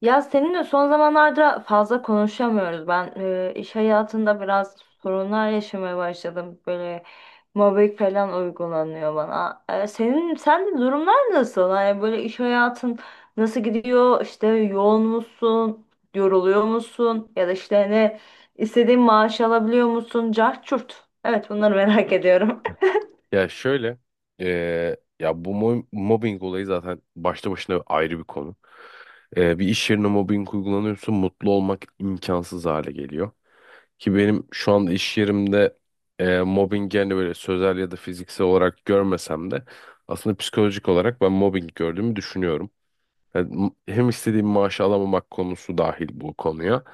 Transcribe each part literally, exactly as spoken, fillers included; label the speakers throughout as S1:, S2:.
S1: Ya seninle son zamanlarda fazla konuşamıyoruz. Ben e, iş hayatında biraz sorunlar yaşamaya başladım. Böyle mobbing falan uygulanıyor bana. E, senin sen de durumlar nasıl? Hani böyle iş hayatın nasıl gidiyor? İşte yoğun musun? Yoruluyor musun? Ya da işte ne istediğin maaş alabiliyor musun? Cart çurt. Evet, bunları merak ediyorum.
S2: Ya şöyle, eee, ya bu mo- mobbing olayı zaten başta başına ayrı bir konu. Eee, bir iş yerine mobbing uygulanıyorsa mutlu olmak imkansız hale geliyor. Ki benim şu anda iş yerimde eee mobbing, yani böyle sözel ya da fiziksel olarak görmesem de aslında psikolojik olarak ben mobbing gördüğümü düşünüyorum. Yani m- hem istediğim maaşı alamamak konusu dahil bu konuya.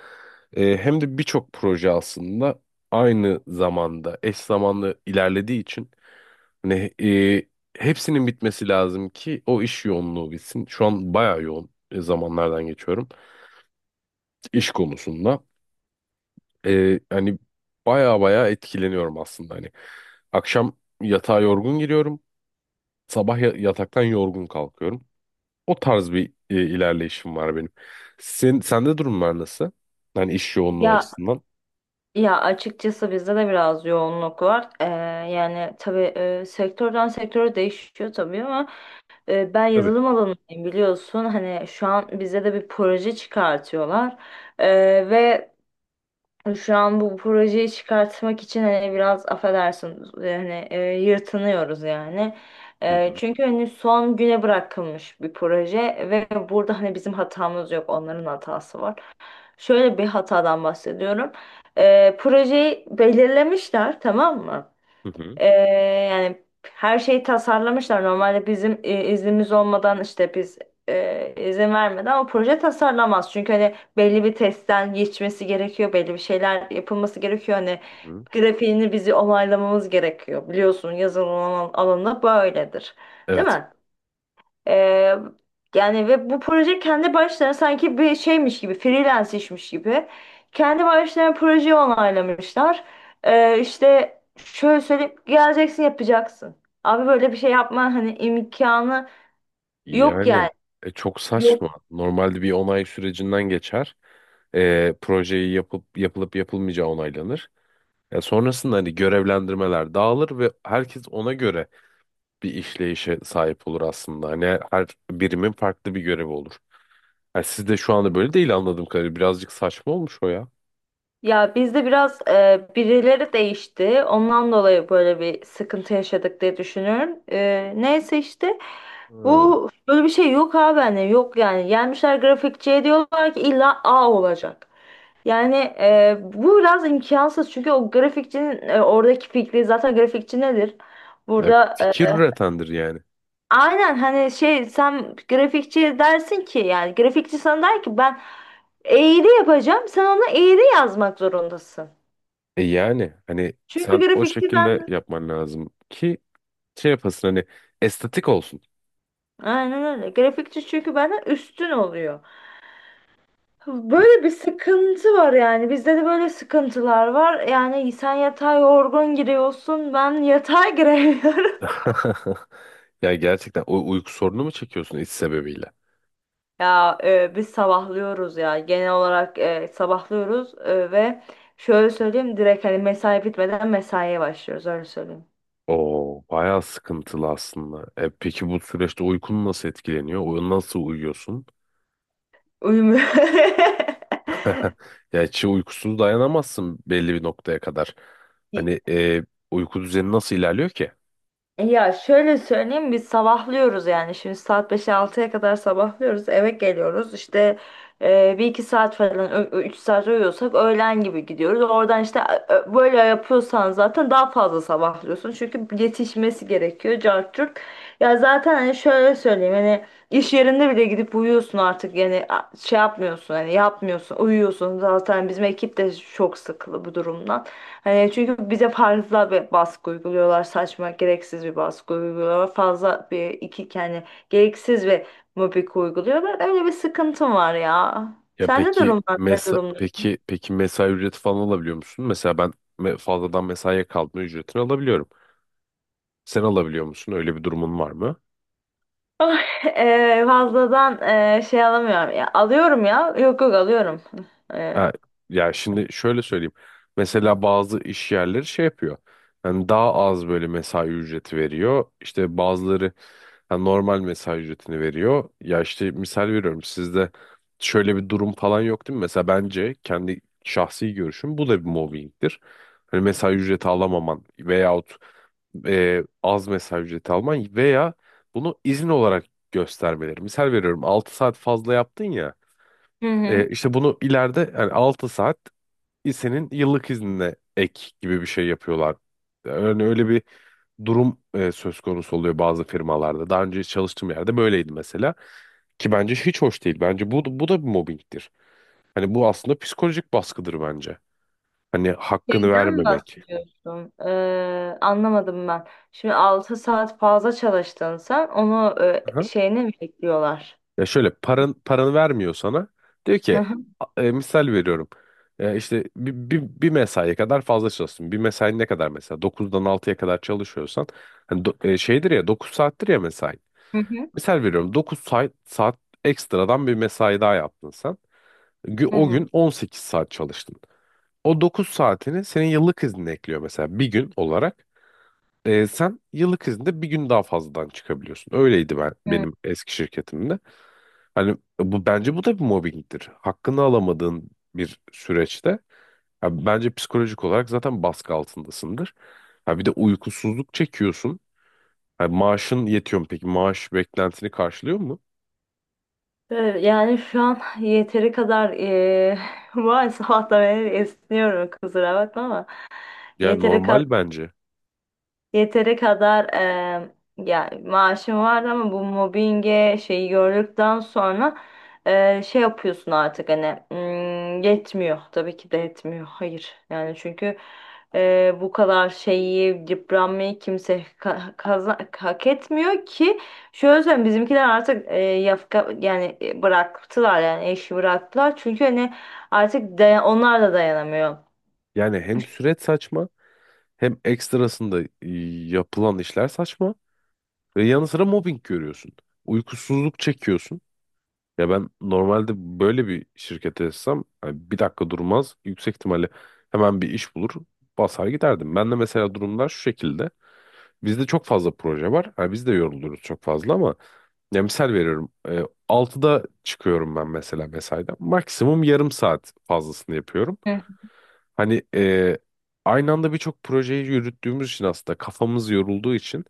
S2: Eee, hem de birçok proje aslında aynı zamanda eş zamanlı ilerlediği için hani e, hepsinin bitmesi lazım ki o iş yoğunluğu bitsin. Şu an bayağı yoğun e, zamanlardan geçiyorum iş konusunda. E, hani bayağı bayağı etkileniyorum aslında hani. Akşam yatağa yorgun giriyorum. Sabah ya- yataktan yorgun kalkıyorum. O tarz bir e, ilerleyişim var benim. Sen, sende durumlar nasıl? Hani iş yoğunluğu
S1: Ya
S2: açısından.
S1: Ya açıkçası bizde de biraz yoğunluk var. Ee, yani tabii e, sektörden sektöre değişiyor tabii ama e, ben
S2: Tabii.
S1: yazılım alanındayım, biliyorsun. Hani şu an bize de bir proje çıkartıyorlar. Ee, ve şu an bu projeyi çıkartmak için hani biraz affedersin yani e, yırtınıyoruz yani.
S2: Hı
S1: Ee,
S2: hı.
S1: çünkü hani son güne bırakılmış bir proje ve burada hani bizim hatamız yok, onların hatası var. Şöyle bir hatadan bahsediyorum. Ee, projeyi belirlemişler, tamam mı?
S2: Hı hı.
S1: Ee, yani her şeyi tasarlamışlar. Normalde bizim e, iznimiz olmadan işte biz e, izin vermeden o proje tasarlamaz. Çünkü hani belli bir testten geçmesi gerekiyor, belli bir şeyler yapılması gerekiyor. Hani
S2: Hı hı.
S1: grafiğini bizi onaylamamız gerekiyor. Biliyorsun, yazılım alan- alanında böyledir. Değil
S2: Evet.
S1: mi? Ee, yani ve bu proje kendi başlarına sanki bir şeymiş gibi, freelance işmiş gibi. Kendi başlarına projeyi onaylamışlar. Ee, işte şöyle söyleyip geleceksin, yapacaksın. Abi böyle bir şey yapma, hani imkanı yok
S2: Yani
S1: yani.
S2: e, çok
S1: Yok.
S2: saçma. Normalde bir onay sürecinden geçer. E, projeyi yapıp yapılıp yapılmayacağı onaylanır. E, sonrasında hani görevlendirmeler dağılır ve herkes ona göre bir işleyişe sahip olur aslında. Hani her birimin farklı bir görevi olur. Yani sizde şu anda böyle değil, anladığım kadarıyla. Birazcık saçma olmuş o ya.
S1: Ya bizde biraz e, birileri değişti. Ondan dolayı böyle bir sıkıntı yaşadık diye düşünüyorum. Ee, neyse işte,
S2: Hı.
S1: bu böyle bir şey yok abi, hani yok yani. Gelmişler grafikçiye diyorlar ki illa A olacak. Yani e, bu biraz imkansız çünkü o grafikçinin e, oradaki fikri, zaten grafikçi nedir?
S2: E,
S1: Burada
S2: fikir
S1: e,
S2: üretendir yani.
S1: aynen hani, şey, sen grafikçi dersin ki, yani grafikçi sana der ki ben eğri yapacağım, sen ona eğri yazmak zorundasın.
S2: E, yani hani
S1: Çünkü
S2: sen o
S1: grafikçi
S2: şekilde
S1: ben
S2: yapman lazım ki şey yapasın hani estetik olsun.
S1: aynen öyle, grafikçi çünkü benden üstün oluyor. Böyle bir sıkıntı var yani, bizde de böyle sıkıntılar var yani. Sen yatağa yorgun giriyorsun, ben yatağa giremiyorum.
S2: Ya gerçekten o uyku sorunu mu çekiyorsun iş sebebiyle?
S1: Ya e, biz sabahlıyoruz ya, genel olarak e, sabahlıyoruz e, ve şöyle söyleyeyim, direkt hani mesai bitmeden mesaiye başlıyoruz, öyle söyleyeyim.
S2: Oo, bayağı sıkıntılı aslında. E, peki bu süreçte uykun nasıl etkileniyor? Uy- Nasıl uyuyorsun?
S1: Uyumuyor.
S2: Ya hiç uykusuz dayanamazsın belli bir noktaya kadar. Hani e, uyku düzeni nasıl ilerliyor ki?
S1: E ya şöyle söyleyeyim, biz sabahlıyoruz yani. Şimdi saat beşe altıya kadar sabahlıyoruz, eve geliyoruz, işte e, bir iki saat falan, üç saat uyuyorsak öğlen gibi gidiyoruz oradan, işte ö- ö- böyle yapıyorsan zaten daha fazla sabahlıyorsun, çünkü yetişmesi gerekiyor, cart curt. Ya zaten hani, şöyle söyleyeyim hani, iş yerinde bile gidip uyuyorsun artık yani, a- şey yapmıyorsun, hani yapmıyorsun, uyuyorsun. Zaten bizim ekip de çok sıkılı bu durumdan. Hani, çünkü bize fazla bir baskı uyguluyorlar, saçma gereksiz bir baskı uyguluyorlar, fazla bir iki yani gereksiz bir mobbing uyguluyorlar. Öyle bir sıkıntım var ya.
S2: Ya
S1: Sende
S2: peki
S1: durumlar ne
S2: mesa
S1: durumda?
S2: peki peki mesai ücreti falan alabiliyor musun? Mesela ben me- fazladan mesaiye kalma ücretini alabiliyorum. Sen alabiliyor musun? Öyle bir durumun var mı?
S1: Oh, eee, fazladan eee, şey alamıyorum ya. Alıyorum ya. Yok yok, alıyorum.
S2: Ha,
S1: Eee,
S2: ya şimdi şöyle söyleyeyim. Mesela bazı iş yerleri şey yapıyor. Yani daha az böyle mesai ücreti veriyor. İşte bazıları hani normal mesai ücretini veriyor. Ya işte misal veriyorum, sizde şöyle bir durum falan yok değil mi? Mesela bence, kendi şahsi görüşüm, bu da bir mobbingdir. Hani mesai ücreti alamaman veyahut e, az mesai ücreti alman veya bunu izin olarak göstermeleri. Misal veriyorum, altı saat fazla yaptın ya.
S1: Hı
S2: E,
S1: hı.
S2: işte bunu ileride, yani altı saat, senin yıllık iznine ek gibi bir şey yapıyorlar. Yani öyle bir durum e, söz konusu oluyor bazı firmalarda. Daha önce çalıştığım yerde böyleydi mesela. Ki bence hiç hoş değil. Bence bu, bu da bir mobbingdir. Hani bu aslında psikolojik baskıdır bence. Hani hakkını
S1: Şeyden mi
S2: vermemek.
S1: bahsediyorsun? Eee, anlamadım ben. Şimdi altı saat fazla çalıştın sen. Onu eee,
S2: Aha.
S1: şeyini mi ekliyorlar?
S2: Ya şöyle, paran, paranı vermiyor sana. Diyor
S1: Hı
S2: ki
S1: hı.
S2: a- e, misal veriyorum. E, işte bir, bir, bir mesaiye kadar fazla çalışsın. Bir mesai ne kadar mesela? Dokuzdan altıya kadar çalışıyorsan. Hani do- e, şeydir ya, dokuz saattir ya mesai.
S1: Hı hı.
S2: Misal veriyorum dokuz saat, saat ekstradan bir mesai daha yaptın sen. Gü- O
S1: Hı
S2: gün on sekiz saat çalıştın. O dokuz saatini senin yıllık iznine ekliyor mesela, bir gün olarak. Ee, sen yıllık izinde bir gün daha fazladan çıkabiliyorsun. Öyleydi ben
S1: hı.
S2: benim eski şirketimde. Hani bu bence bu da bir mobbingdir. Hakkını alamadığın bir süreçte ya bence psikolojik olarak zaten baskı altındasındır. Ha bir de uykusuzluk çekiyorsun. Ha, maaşın yetiyor mu peki? Maaş beklentini karşılıyor mu?
S1: Evet. Yani şu an yeteri kadar eee maalesef, hatta ben esniyorum, kusura bakma, ama
S2: Ya
S1: yeteri kadar
S2: normal bence.
S1: Yeteri kadar eee ya maaşım vardı ama bu mobbinge şeyi gördükten sonra eee, şey yapıyorsun artık hani, hmm, yetmiyor, tabii ki de yetmiyor, hayır. Yani çünkü eee, bu kadar şeyi, yıpranmayı kimse ka- kaza- hak etmiyor ki. Şöyle söyleyeyim, bizimkiler artık eee, yafka yani, e, bıraktılar yani, eşi bıraktılar, çünkü hani artık dayan- onlar da dayanamıyor.
S2: Yani hem süreç saçma, hem ekstrasında e, yapılan işler saçma ve yanı sıra mobbing görüyorsun. Uykusuzluk çekiyorsun. Ya ben normalde böyle bir şirkete etsem hani bir dakika durmaz. Yüksek ihtimalle hemen bir iş bulur, basar giderdim. Ben de mesela, durumlar şu şekilde. Bizde çok fazla proje var. Ha, biz de yoruluyoruz çok fazla, ama ya misal veriyorum. E, altıda çıkıyorum ben mesela mesaiden. Maksimum yarım saat fazlasını yapıyorum.
S1: Hı
S2: Hani e, aynı anda birçok projeyi yürüttüğümüz için, aslında kafamız yorulduğu için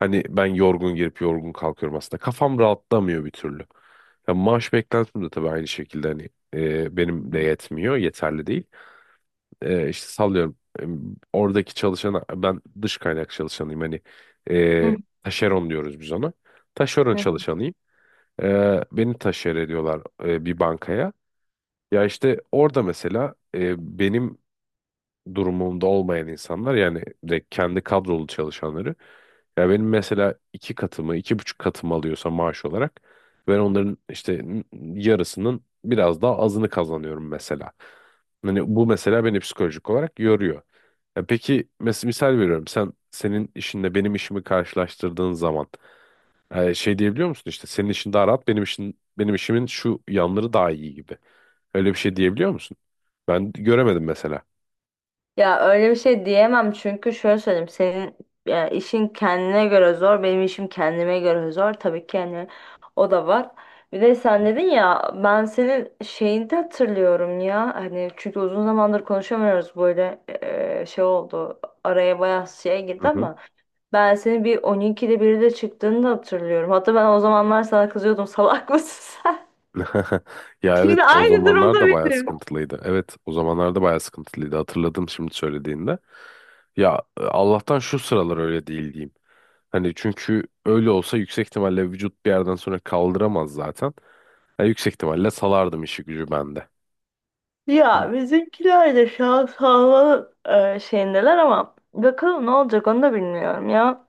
S2: hani ben yorgun girip yorgun kalkıyorum aslında. Kafam rahatlamıyor bir türlü. Ya maaş beklentim de tabii aynı şekilde hani e, benim de yetmiyor, yeterli değil. e, işte sallıyorum, e, oradaki çalışana, ben dış kaynak çalışanıyım hani, e,
S1: hı.
S2: taşeron diyoruz biz ona. Taşeron
S1: Hı.
S2: çalışanıyım. E, beni taşer ediyorlar e, bir bankaya. Ya işte orada mesela e, benim durumunda olmayan insanlar, yani direkt kendi kadrolu çalışanları. Ya benim mesela iki katımı, iki buçuk katımı alıyorsa maaş olarak, ben onların işte yarısının biraz daha azını kazanıyorum mesela. Hani bu mesela beni psikolojik olarak yoruyor. Ya peki mesela, misal veriyorum, sen senin işinle benim işimi karşılaştırdığın zaman e, şey diyebiliyor musun, işte senin işin daha rahat, benim işin, benim işimin şu yanları daha iyi gibi. Öyle bir şey diyebiliyor musun? Ben göremedim mesela.
S1: Ya öyle bir şey diyemem, çünkü şöyle söyleyeyim, senin ya, işin kendine göre zor, benim işim kendime göre zor, tabii ki yani. O da var. Bir de sen dedin ya, ben senin şeyini de hatırlıyorum ya, hani, çünkü uzun zamandır konuşamıyoruz böyle, e, şey oldu, araya bayağı şey girdi ama ben seni bir on ikide biri de çıktığını da hatırlıyorum. Hatta ben o zamanlar sana kızıyordum, salak mısın sen?
S2: Ya evet,
S1: Şimdi
S2: o
S1: aynı durumda
S2: zamanlar da bayağı
S1: benim.
S2: sıkıntılıydı. Evet, o zamanlar da bayağı sıkıntılıydı. Hatırladım şimdi söylediğinde. Ya e, Allah'tan şu sıralar öyle değil diyeyim. Hani çünkü öyle olsa yüksek ihtimalle vücut bir yerden sonra kaldıramaz zaten. Ya yüksek ihtimalle salardım işi gücü bende.
S1: Ya bizimkiler de şu an sağlığı e, şeyindeler ama bakalım ne olacak, onu da bilmiyorum ya.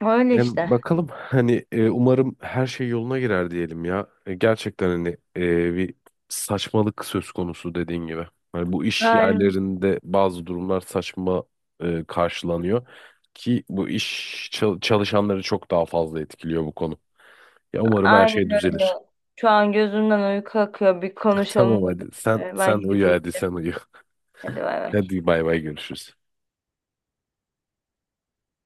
S1: Öyle
S2: Yani
S1: işte.
S2: bakalım hani e, umarım her şey yoluna girer diyelim ya. E, gerçekten hani e, bir saçmalık söz konusu, dediğin gibi. Hani bu iş
S1: Aynen,
S2: yerlerinde bazı durumlar saçma e, karşılanıyor ki bu iş çal- çalışanları çok daha fazla etkiliyor bu konu. Ya umarım her
S1: aynen
S2: şey
S1: öyle.
S2: düzelir.
S1: Şu an gözümden uyku akıyor. Bir
S2: Tamam,
S1: konuşalım,
S2: hadi
S1: dedik.
S2: sen
S1: E,
S2: sen
S1: Ben
S2: uyu,
S1: gidip
S2: hadi
S1: uyuyacağım.
S2: sen uyu.
S1: Hadi bay bay.
S2: Hadi bay bay, görüşürüz.